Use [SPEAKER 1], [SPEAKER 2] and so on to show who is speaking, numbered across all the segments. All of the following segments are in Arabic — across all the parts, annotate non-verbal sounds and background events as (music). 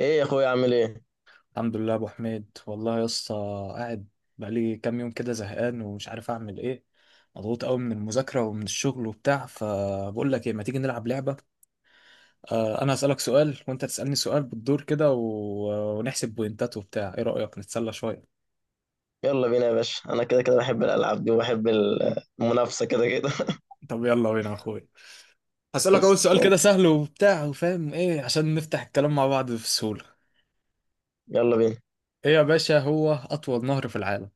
[SPEAKER 1] ايه يا اخويا؟ عامل ايه؟
[SPEAKER 2] الحمد لله يا ابو حميد، والله يا اسطى. قاعد بقالي كام يوم كده، زهقان ومش عارف اعمل ايه. مضغوط قوي من المذاكره ومن الشغل وبتاع، فبقول لك ايه، ما تيجي نلعب لعبه. انا هسالك سؤال وانت تسالني سؤال بالدور كده ونحسب بوينتات وبتاع، ايه رايك نتسلى شويه؟
[SPEAKER 1] يلا بينا يا باشا، انا كده كده بحب الالعاب دي وبحب المنافسه كده كده. (laughs)
[SPEAKER 2] طب يلا بينا يا اخويا. هسالك اول سؤال
[SPEAKER 1] خلصان.
[SPEAKER 2] كده سهل وبتاع وفاهم ايه، عشان نفتح الكلام مع بعض بسهوله.
[SPEAKER 1] يلا بينا.
[SPEAKER 2] ايه يا باشا، هو اطول نهر في العالم؟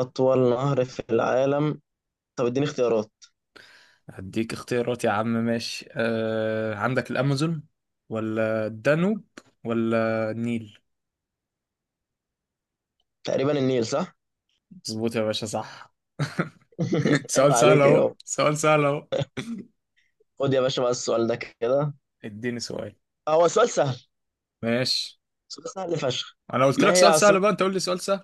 [SPEAKER 1] اطول نهر في العالم؟ طب اديني اختيارات.
[SPEAKER 2] هديك اختيارات يا عم، ماشي. عندك الأمازون، ولا الدانوب، ولا النيل؟
[SPEAKER 1] تقريبا النيل، صح؟
[SPEAKER 2] مظبوط يا باشا، صح. (laughs)
[SPEAKER 1] (laughs) عيب
[SPEAKER 2] سؤال سهل
[SPEAKER 1] عليك يا
[SPEAKER 2] اهو،
[SPEAKER 1] بابا.
[SPEAKER 2] سؤال سهل اهو.
[SPEAKER 1] خد يا باشا بقى السؤال ده كده.
[SPEAKER 2] اديني سؤال.
[SPEAKER 1] هو سؤال سهل.
[SPEAKER 2] ماشي.
[SPEAKER 1] سؤال سهل فشخ.
[SPEAKER 2] انا قلت
[SPEAKER 1] ما
[SPEAKER 2] لك
[SPEAKER 1] هي
[SPEAKER 2] سؤال
[SPEAKER 1] عاصمه.
[SPEAKER 2] سهل بقى، انت قول لي سؤال سهل.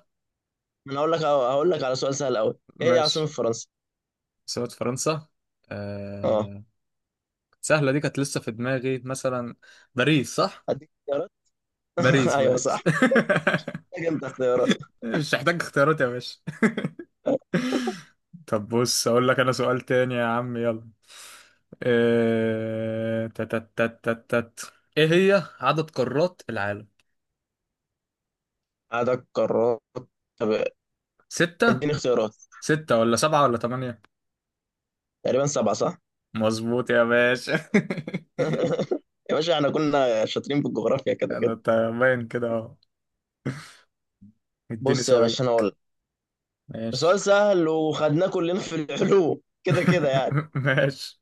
[SPEAKER 1] (laughs) انا هقول لك على سؤال سهل قوي. ايه هي عاصمه
[SPEAKER 2] ماشي.
[SPEAKER 1] فرنسا؟
[SPEAKER 2] سؤال فرنسا.
[SPEAKER 1] اه.
[SPEAKER 2] آه... سهلة دي كانت لسه في دماغي مثلا. باريس صح؟
[SPEAKER 1] اديك اختيارات. (laughs)
[SPEAKER 2] باريس،
[SPEAKER 1] ايوه
[SPEAKER 2] باريس.
[SPEAKER 1] صح. محتاج انت اختيارات؟
[SPEAKER 2] (laughs) مش محتاج اختيارات يا باشا. (laughs) طب بص اقول لك انا سؤال تاني يا عم، يلا. إيه... تت تت تت تت. ايه هي عدد قارات العالم؟
[SPEAKER 1] عدد قارات. طب
[SPEAKER 2] ستة.
[SPEAKER 1] اديني اختيارات.
[SPEAKER 2] ستة ولا سبعة ولا تمانية؟
[SPEAKER 1] تقريبا سبعه، صح؟
[SPEAKER 2] مظبوط يا باشا. (laughs)
[SPEAKER 1] يا باشا احنا كنا شاطرين في الجغرافيا كده
[SPEAKER 2] انا
[SPEAKER 1] كده.
[SPEAKER 2] أنت باين كده اهو. اديني
[SPEAKER 1] بص يا
[SPEAKER 2] سؤال.
[SPEAKER 1] باشا، انا اقول لك. سؤال
[SPEAKER 2] ماشي.
[SPEAKER 1] سهل وخدناه كلنا في العلوم كده كده يعني.
[SPEAKER 2] (laughs) ماشي.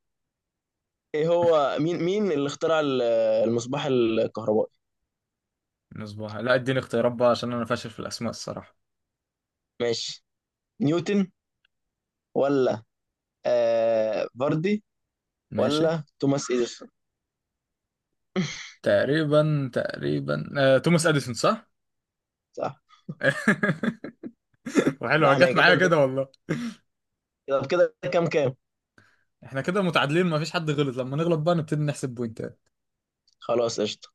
[SPEAKER 1] ايه هو مين اللي اخترع المصباح الكهربائي؟
[SPEAKER 2] مصباح. لا، اديني اختيارات بقى، عشان انا فاشل في الاسماء الصراحة.
[SPEAKER 1] ماشي. نيوتن، ولا فاردي،
[SPEAKER 2] ماشي.
[SPEAKER 1] ولا توماس اديسون؟
[SPEAKER 2] تقريبا، تقريبا، توماس اديسون صح.
[SPEAKER 1] صح.
[SPEAKER 2] (laughs) وحلوه
[SPEAKER 1] لا انا
[SPEAKER 2] جت
[SPEAKER 1] كده
[SPEAKER 2] معايا كده.
[SPEAKER 1] الدنيا. كده كده كام كام.
[SPEAKER 2] احنا كده متعادلين، مفيش حد غلط. لما نغلط بقى نبتدي نحسب بوينتات.
[SPEAKER 1] خلاص قشطه.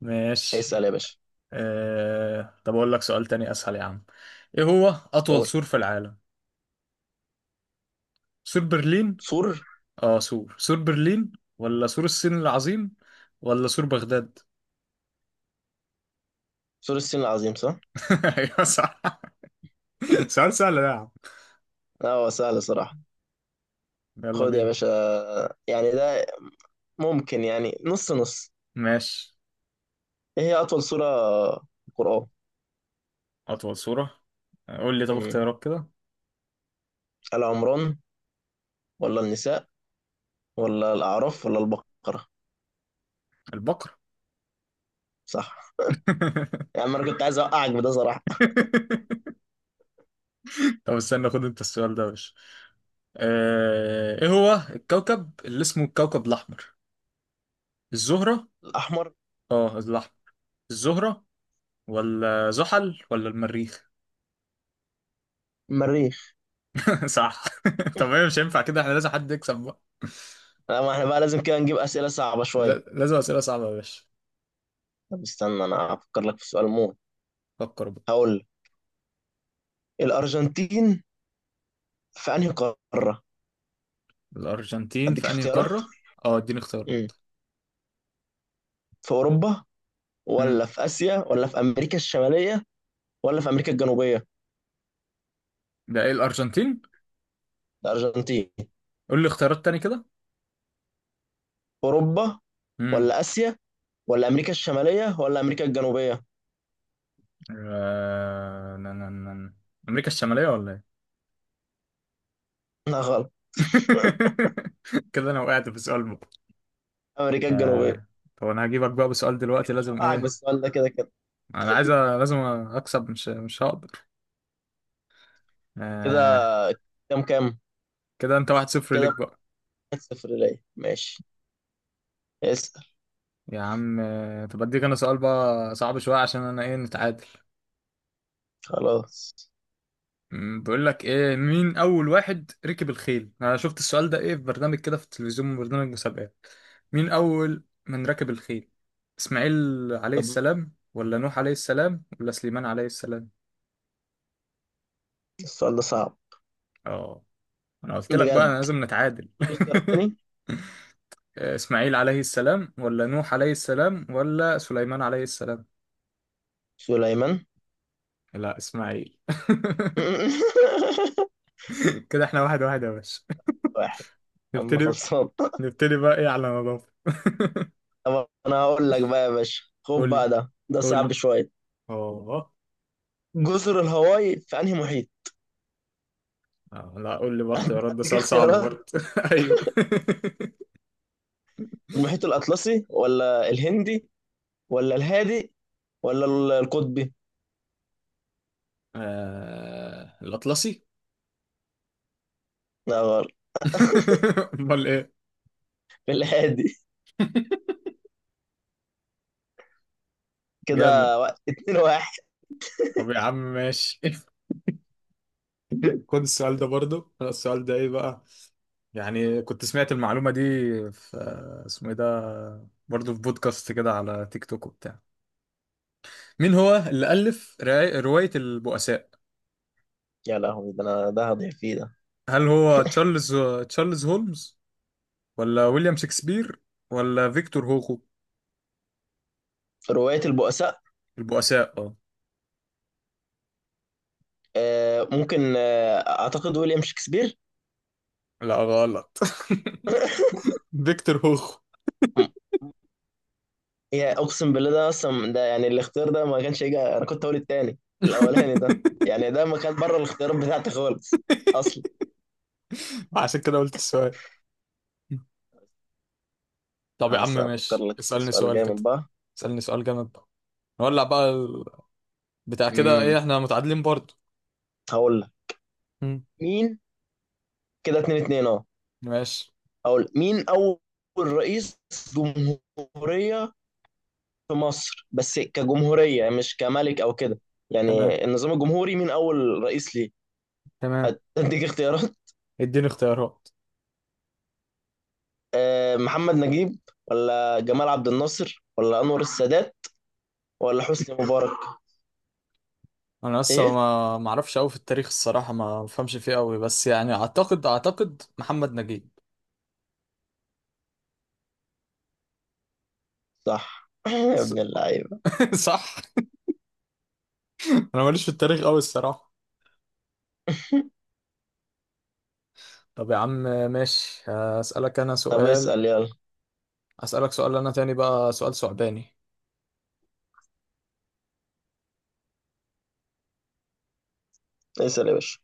[SPEAKER 2] ماشي.
[SPEAKER 1] اسال يا باشا.
[SPEAKER 2] اه... طب اقول لك سؤال تاني اسهل يا عم. ايه هو اطول
[SPEAKER 1] قول.
[SPEAKER 2] سور في العالم؟ سور برلين.
[SPEAKER 1] سور
[SPEAKER 2] اه سور برلين، ولا سور الصين العظيم، ولا سور بغداد؟
[SPEAKER 1] سور الصين العظيم، صح.
[SPEAKER 2] (laughs) ايوه، صح. سؤال سهل ده يا عم.
[SPEAKER 1] لا هو سهل صراحه.
[SPEAKER 2] يلا
[SPEAKER 1] خد يا
[SPEAKER 2] بينا.
[SPEAKER 1] باشا. يعني ده ممكن يعني نص نص.
[SPEAKER 2] ماشي.
[SPEAKER 1] ايه هي اطول سورة في القرآن؟
[SPEAKER 2] اطول سورة. قول لي طب
[SPEAKER 1] مم.
[SPEAKER 2] اختيارات كده.
[SPEAKER 1] آل عمران، ولا النساء، ولا الاعراف، ولا البقرة؟
[SPEAKER 2] البقر.
[SPEAKER 1] صح. يعني
[SPEAKER 2] (laughs)
[SPEAKER 1] انا كنت عايز اوقعك بده صراحة.
[SPEAKER 2] طب استنى، خد انت السؤال ده يا باشا. ايه هو الكوكب اللي اسمه الكوكب الاحمر؟ الزهرة.
[SPEAKER 1] الاحمر.
[SPEAKER 2] اه الأحمر. الزهرة، ولا زحل، ولا المريخ؟
[SPEAKER 1] المريخ.
[SPEAKER 2] (laughs) صح. (laughs) طب هي مش هينفع كده، احنا لازم حد يكسب بقى.
[SPEAKER 1] لا، ما احنا بقى لازم كده نجيب اسئلة صعبة شوية.
[SPEAKER 2] لازم أسئلة صعبة يا باشا.
[SPEAKER 1] طب استنى، انا هفكر لك في سؤال موت.
[SPEAKER 2] فكر بقى.
[SPEAKER 1] هقول لك. الارجنتين في انهي قارة؟
[SPEAKER 2] الأرجنتين
[SPEAKER 1] اديك
[SPEAKER 2] في أنهي
[SPEAKER 1] اختيارات.
[SPEAKER 2] قارة؟ اه، اديني
[SPEAKER 1] مم.
[SPEAKER 2] اختيارات.
[SPEAKER 1] في اوروبا، ولا
[SPEAKER 2] امم
[SPEAKER 1] في اسيا، ولا في امريكا الشمالية، ولا في امريكا الجنوبية؟
[SPEAKER 2] ده ايه الأرجنتين؟
[SPEAKER 1] الارجنتين.
[SPEAKER 2] قول لي اختيارات تاني كده.
[SPEAKER 1] اوروبا،
[SPEAKER 2] امم
[SPEAKER 1] ولا اسيا، ولا امريكا الشمالية، ولا امريكا الجنوبية؟
[SPEAKER 2] آه... نا- نا- نا- نا. أمريكا الشمالية ولا ايه؟
[SPEAKER 1] لا غلط.
[SPEAKER 2] (laughs) كده أنا وقعت في سؤال بقى.
[SPEAKER 1] امريكا الجنوبيه.
[SPEAKER 2] آه... طب أنا هجيبك بقى بسؤال دلوقتي،
[SPEAKER 1] مش
[SPEAKER 2] لازم
[SPEAKER 1] هوقعك
[SPEAKER 2] ايه؟
[SPEAKER 1] بالسؤال ده كده كده.
[SPEAKER 2] أنا عايز لازم أكسب. مش هقدر.
[SPEAKER 1] كده
[SPEAKER 2] آه
[SPEAKER 1] كام كام.
[SPEAKER 2] كده انت واحد صفر
[SPEAKER 1] كده
[SPEAKER 2] ليك بقى.
[SPEAKER 1] واحد صفر ليا، ماشي. اسال.
[SPEAKER 2] يا عم طب اديك انا سؤال بقى صعب شوية، عشان انا ايه نتعادل.
[SPEAKER 1] خلاص.
[SPEAKER 2] بقول لك ايه، مين اول واحد ركب الخيل؟ انا شفت السؤال ده ايه في برنامج كده في التلفزيون، برنامج مسابقات. مين اول من ركب الخيل؟ اسماعيل عليه
[SPEAKER 1] طب.
[SPEAKER 2] السلام، ولا نوح عليه السلام، ولا سليمان عليه السلام؟
[SPEAKER 1] السؤال ده صعب.
[SPEAKER 2] اه، انا قلت لك بقى انا
[SPEAKER 1] بجد.
[SPEAKER 2] لازم نتعادل. (laughs)
[SPEAKER 1] الاختيارات تاني.
[SPEAKER 2] اسماعيل عليه السلام، ولا نوح عليه السلام، ولا سليمان عليه السلام؟
[SPEAKER 1] سليمان.
[SPEAKER 2] لا، اسماعيل. (laughs)
[SPEAKER 1] (laughs)
[SPEAKER 2] كده احنا واحد واحد يا باشا.
[SPEAKER 1] واحد.
[SPEAKER 2] (laughs)
[SPEAKER 1] اما
[SPEAKER 2] نبتدي
[SPEAKER 1] خلصان.
[SPEAKER 2] نبتدي بقى ايه على نظافة. (laughs)
[SPEAKER 1] طب انا هقول لك بقى يا باشا. خد
[SPEAKER 2] قول لي-
[SPEAKER 1] بقى ده، ده
[SPEAKER 2] قول لي.
[SPEAKER 1] صعب شويه.
[SPEAKER 2] اه.
[SPEAKER 1] جزر الهواي في انهي محيط؟
[SPEAKER 2] لا قول لي بقى اختيارات، ده
[SPEAKER 1] اديك
[SPEAKER 2] سؤال صعب
[SPEAKER 1] اختيارات.
[SPEAKER 2] برضه. (laughs) ايوه. (laughs)
[SPEAKER 1] المحيط الاطلسي، ولا الهندي، ولا الهادي، ولا القطبي؟
[SPEAKER 2] الأطلسي.
[SPEAKER 1] لا غلط.
[SPEAKER 2] (laughs) امال ايه.
[SPEAKER 1] في الهادي.
[SPEAKER 2] جامد.
[SPEAKER 1] كده اتنين واحد.
[SPEAKER 2] طب يا عم ماشي. (laughs) خد السؤال ده برضه، أنا السؤال ده ايه بقى. يعني كنت سمعت المعلومة دي في اسمه ايه ده برضه، في بودكاست كده على تيك توك وبتاع. مين هو اللي ألف رواية البؤساء؟
[SPEAKER 1] يا لهوي، ده انا ده هضيع فيه ده.
[SPEAKER 2] هل هو تشارلز هولمز، ولا ويليام شكسبير، ولا فيكتور هوخو؟
[SPEAKER 1] رواية البؤساء.
[SPEAKER 2] البؤساء اه.
[SPEAKER 1] ممكن اعتقد ويليام شكسبير.
[SPEAKER 2] لا، غلط. (laughs) فيكتور هوخو.
[SPEAKER 1] م- هي اقسم بالله ده اصلا، ده يعني الاختيار ده ما كانش يجي. انا كنت هقول التاني. الاولاني ده، يعني ده ما كان بره الاختيارات بتاعتي خالص اصلا.
[SPEAKER 2] (laughs) عشان كده قلت السؤال. طب يا عم
[SPEAKER 1] افكر
[SPEAKER 2] ماشي،
[SPEAKER 1] لك
[SPEAKER 2] اسألني
[SPEAKER 1] سؤال
[SPEAKER 2] سؤال كده.
[SPEAKER 1] جامد بقى.
[SPEAKER 2] اسألني سؤال جامد بقى. نولع بقى بتاع كده
[SPEAKER 1] امم
[SPEAKER 2] ايه، احنا متعادلين برضه.
[SPEAKER 1] هقول لك.
[SPEAKER 2] مم.
[SPEAKER 1] مين. كده اتنين اتنين، اه.
[SPEAKER 2] ماشي.
[SPEAKER 1] هقول مين اول رئيس جمهورية في مصر، بس كجمهورية، مش كملك او كده.
[SPEAKER 2] تمام،
[SPEAKER 1] يعني النظام الجمهوري، مين اول رئيس ليه.
[SPEAKER 2] تمام.
[SPEAKER 1] اديك اختيارات. (laughs)
[SPEAKER 2] اديني اختيارات.
[SPEAKER 1] محمد نجيب، ولا جمال عبد الناصر، ولا انور السادات، ولا حسني مبارك؟
[SPEAKER 2] انا لسه
[SPEAKER 1] ايه.
[SPEAKER 2] ما اعرفش قوي في التاريخ الصراحة، ما بفهمش فيه قوي، بس يعني اعتقد اعتقد محمد نجيب.
[SPEAKER 1] صح. (laughs) يا ابن اللعيبه.
[SPEAKER 2] (laughs) صح. انا ماليش في التاريخ قوي الصراحه. طب يا عم ماشي. هسألك انا
[SPEAKER 1] طب
[SPEAKER 2] سؤال.
[SPEAKER 1] اسال يلا.
[SPEAKER 2] هسألك سؤال انا تاني بقى، سؤال ثعباني.
[SPEAKER 1] اسال يا باشا.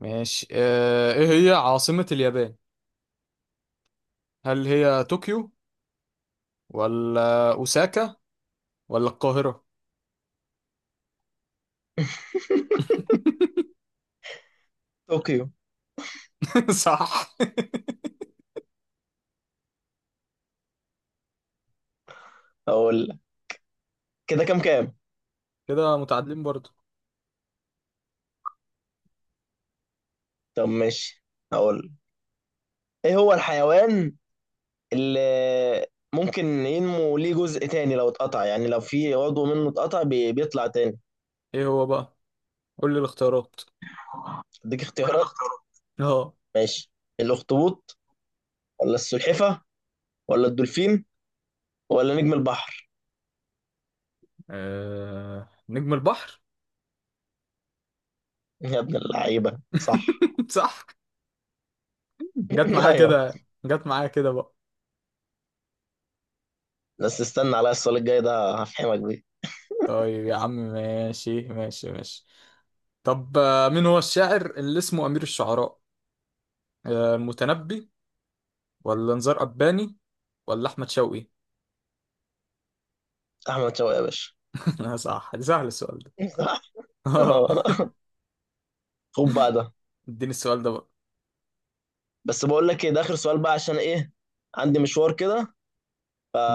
[SPEAKER 2] ماشي. ايه هي عاصمة اليابان؟ هل هي طوكيو، ولا اوساكا، ولا القاهرة؟
[SPEAKER 1] طوكيو.
[SPEAKER 2] (laughs) صح.
[SPEAKER 1] اقول لك. كده كام كام.
[SPEAKER 2] كده متعادلين برضو.
[SPEAKER 1] طب ماشي. اقول لك. ايه هو الحيوان اللي ممكن ينمو ليه جزء تاني لو اتقطع، يعني لو في عضو منه اتقطع بيطلع تاني؟
[SPEAKER 2] ايه هو بقى؟ قول لي الاختيارات.
[SPEAKER 1] اديك اختيارات.
[SPEAKER 2] اه.
[SPEAKER 1] ماشي. الاخطبوط، ولا السلحفه، ولا الدولفين، ولا نجم البحر؟
[SPEAKER 2] نجم البحر.
[SPEAKER 1] يا ابن اللعيبة صح.
[SPEAKER 2] (laughs) صح. جت
[SPEAKER 1] (laughs)
[SPEAKER 2] معايا
[SPEAKER 1] ايوه.
[SPEAKER 2] كده، جت معايا كده بقى.
[SPEAKER 1] بس استنى عليا السؤال الجاي ده، هفهمك بيه.
[SPEAKER 2] طيب يا عم ماشي، ماشي، ماشي. طب مين هو الشاعر اللي اسمه أمير الشعراء؟ المتنبي، ولا نزار قباني، ولا أحمد شوقي؟
[SPEAKER 1] احمد شوقي يا باشا.
[SPEAKER 2] (laughs) صح، ده سهل السؤال ده.
[SPEAKER 1] (laughs) صح.
[SPEAKER 2] (laughs) آه،
[SPEAKER 1] آه. خد بقى ده.
[SPEAKER 2] اديني السؤال ده بقى.
[SPEAKER 1] بس بقول لك ايه، ده اخر سؤال بقى عشان ايه. عندي مشوار كده،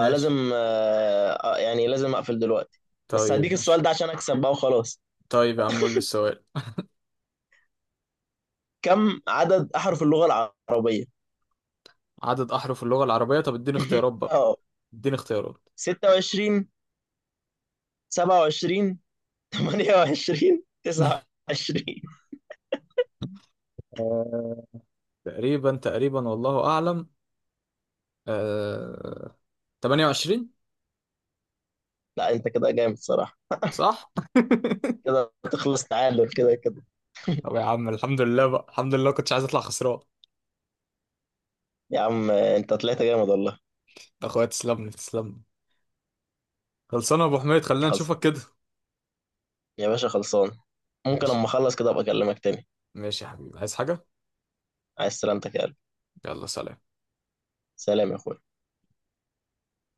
[SPEAKER 2] ماشي.
[SPEAKER 1] يعني لازم اقفل دلوقتي. بس
[SPEAKER 2] طيب
[SPEAKER 1] هديك السؤال
[SPEAKER 2] ماشي.
[SPEAKER 1] ده عشان اكسب بقى وخلاص.
[SPEAKER 2] طيب يا عم قول لي السؤال.
[SPEAKER 1] كم عدد احرف اللغة العربية؟
[SPEAKER 2] عدد أحرف اللغة العربية. طب اديني
[SPEAKER 1] (laughs)
[SPEAKER 2] اختيارات بقى.
[SPEAKER 1] اه.
[SPEAKER 2] اديني اختيارات.
[SPEAKER 1] 26، 27، 28،
[SPEAKER 2] (laughs)
[SPEAKER 1] 29؟
[SPEAKER 2] آه، تقريبا، تقريبا، والله أعلم. آه، 28،
[SPEAKER 1] لا انت كده جامد صراحة.
[SPEAKER 2] صح؟
[SPEAKER 1] كده تخلص تعادل كده كده.
[SPEAKER 2] (laughs) طب يا عم الحمد لله بقى، الحمد لله كنتش عايز أطلع خسران.
[SPEAKER 1] يا عم انت طلعت جامد والله.
[SPEAKER 2] يا أخويا تسلم لي، تسلم لي. خلصانه يا ابو حميد، خلينا نشوفك
[SPEAKER 1] خلصان
[SPEAKER 2] كده.
[SPEAKER 1] يا باشا، خلصان. ممكن
[SPEAKER 2] ماشي.
[SPEAKER 1] اما اخلص كده ابقى اكلمك تاني.
[SPEAKER 2] ماشي يا حبيبي، عايز حاجه؟
[SPEAKER 1] عايز سلامتك يا قلبي.
[SPEAKER 2] يلا، سلام.
[SPEAKER 1] سلام يا اخويا.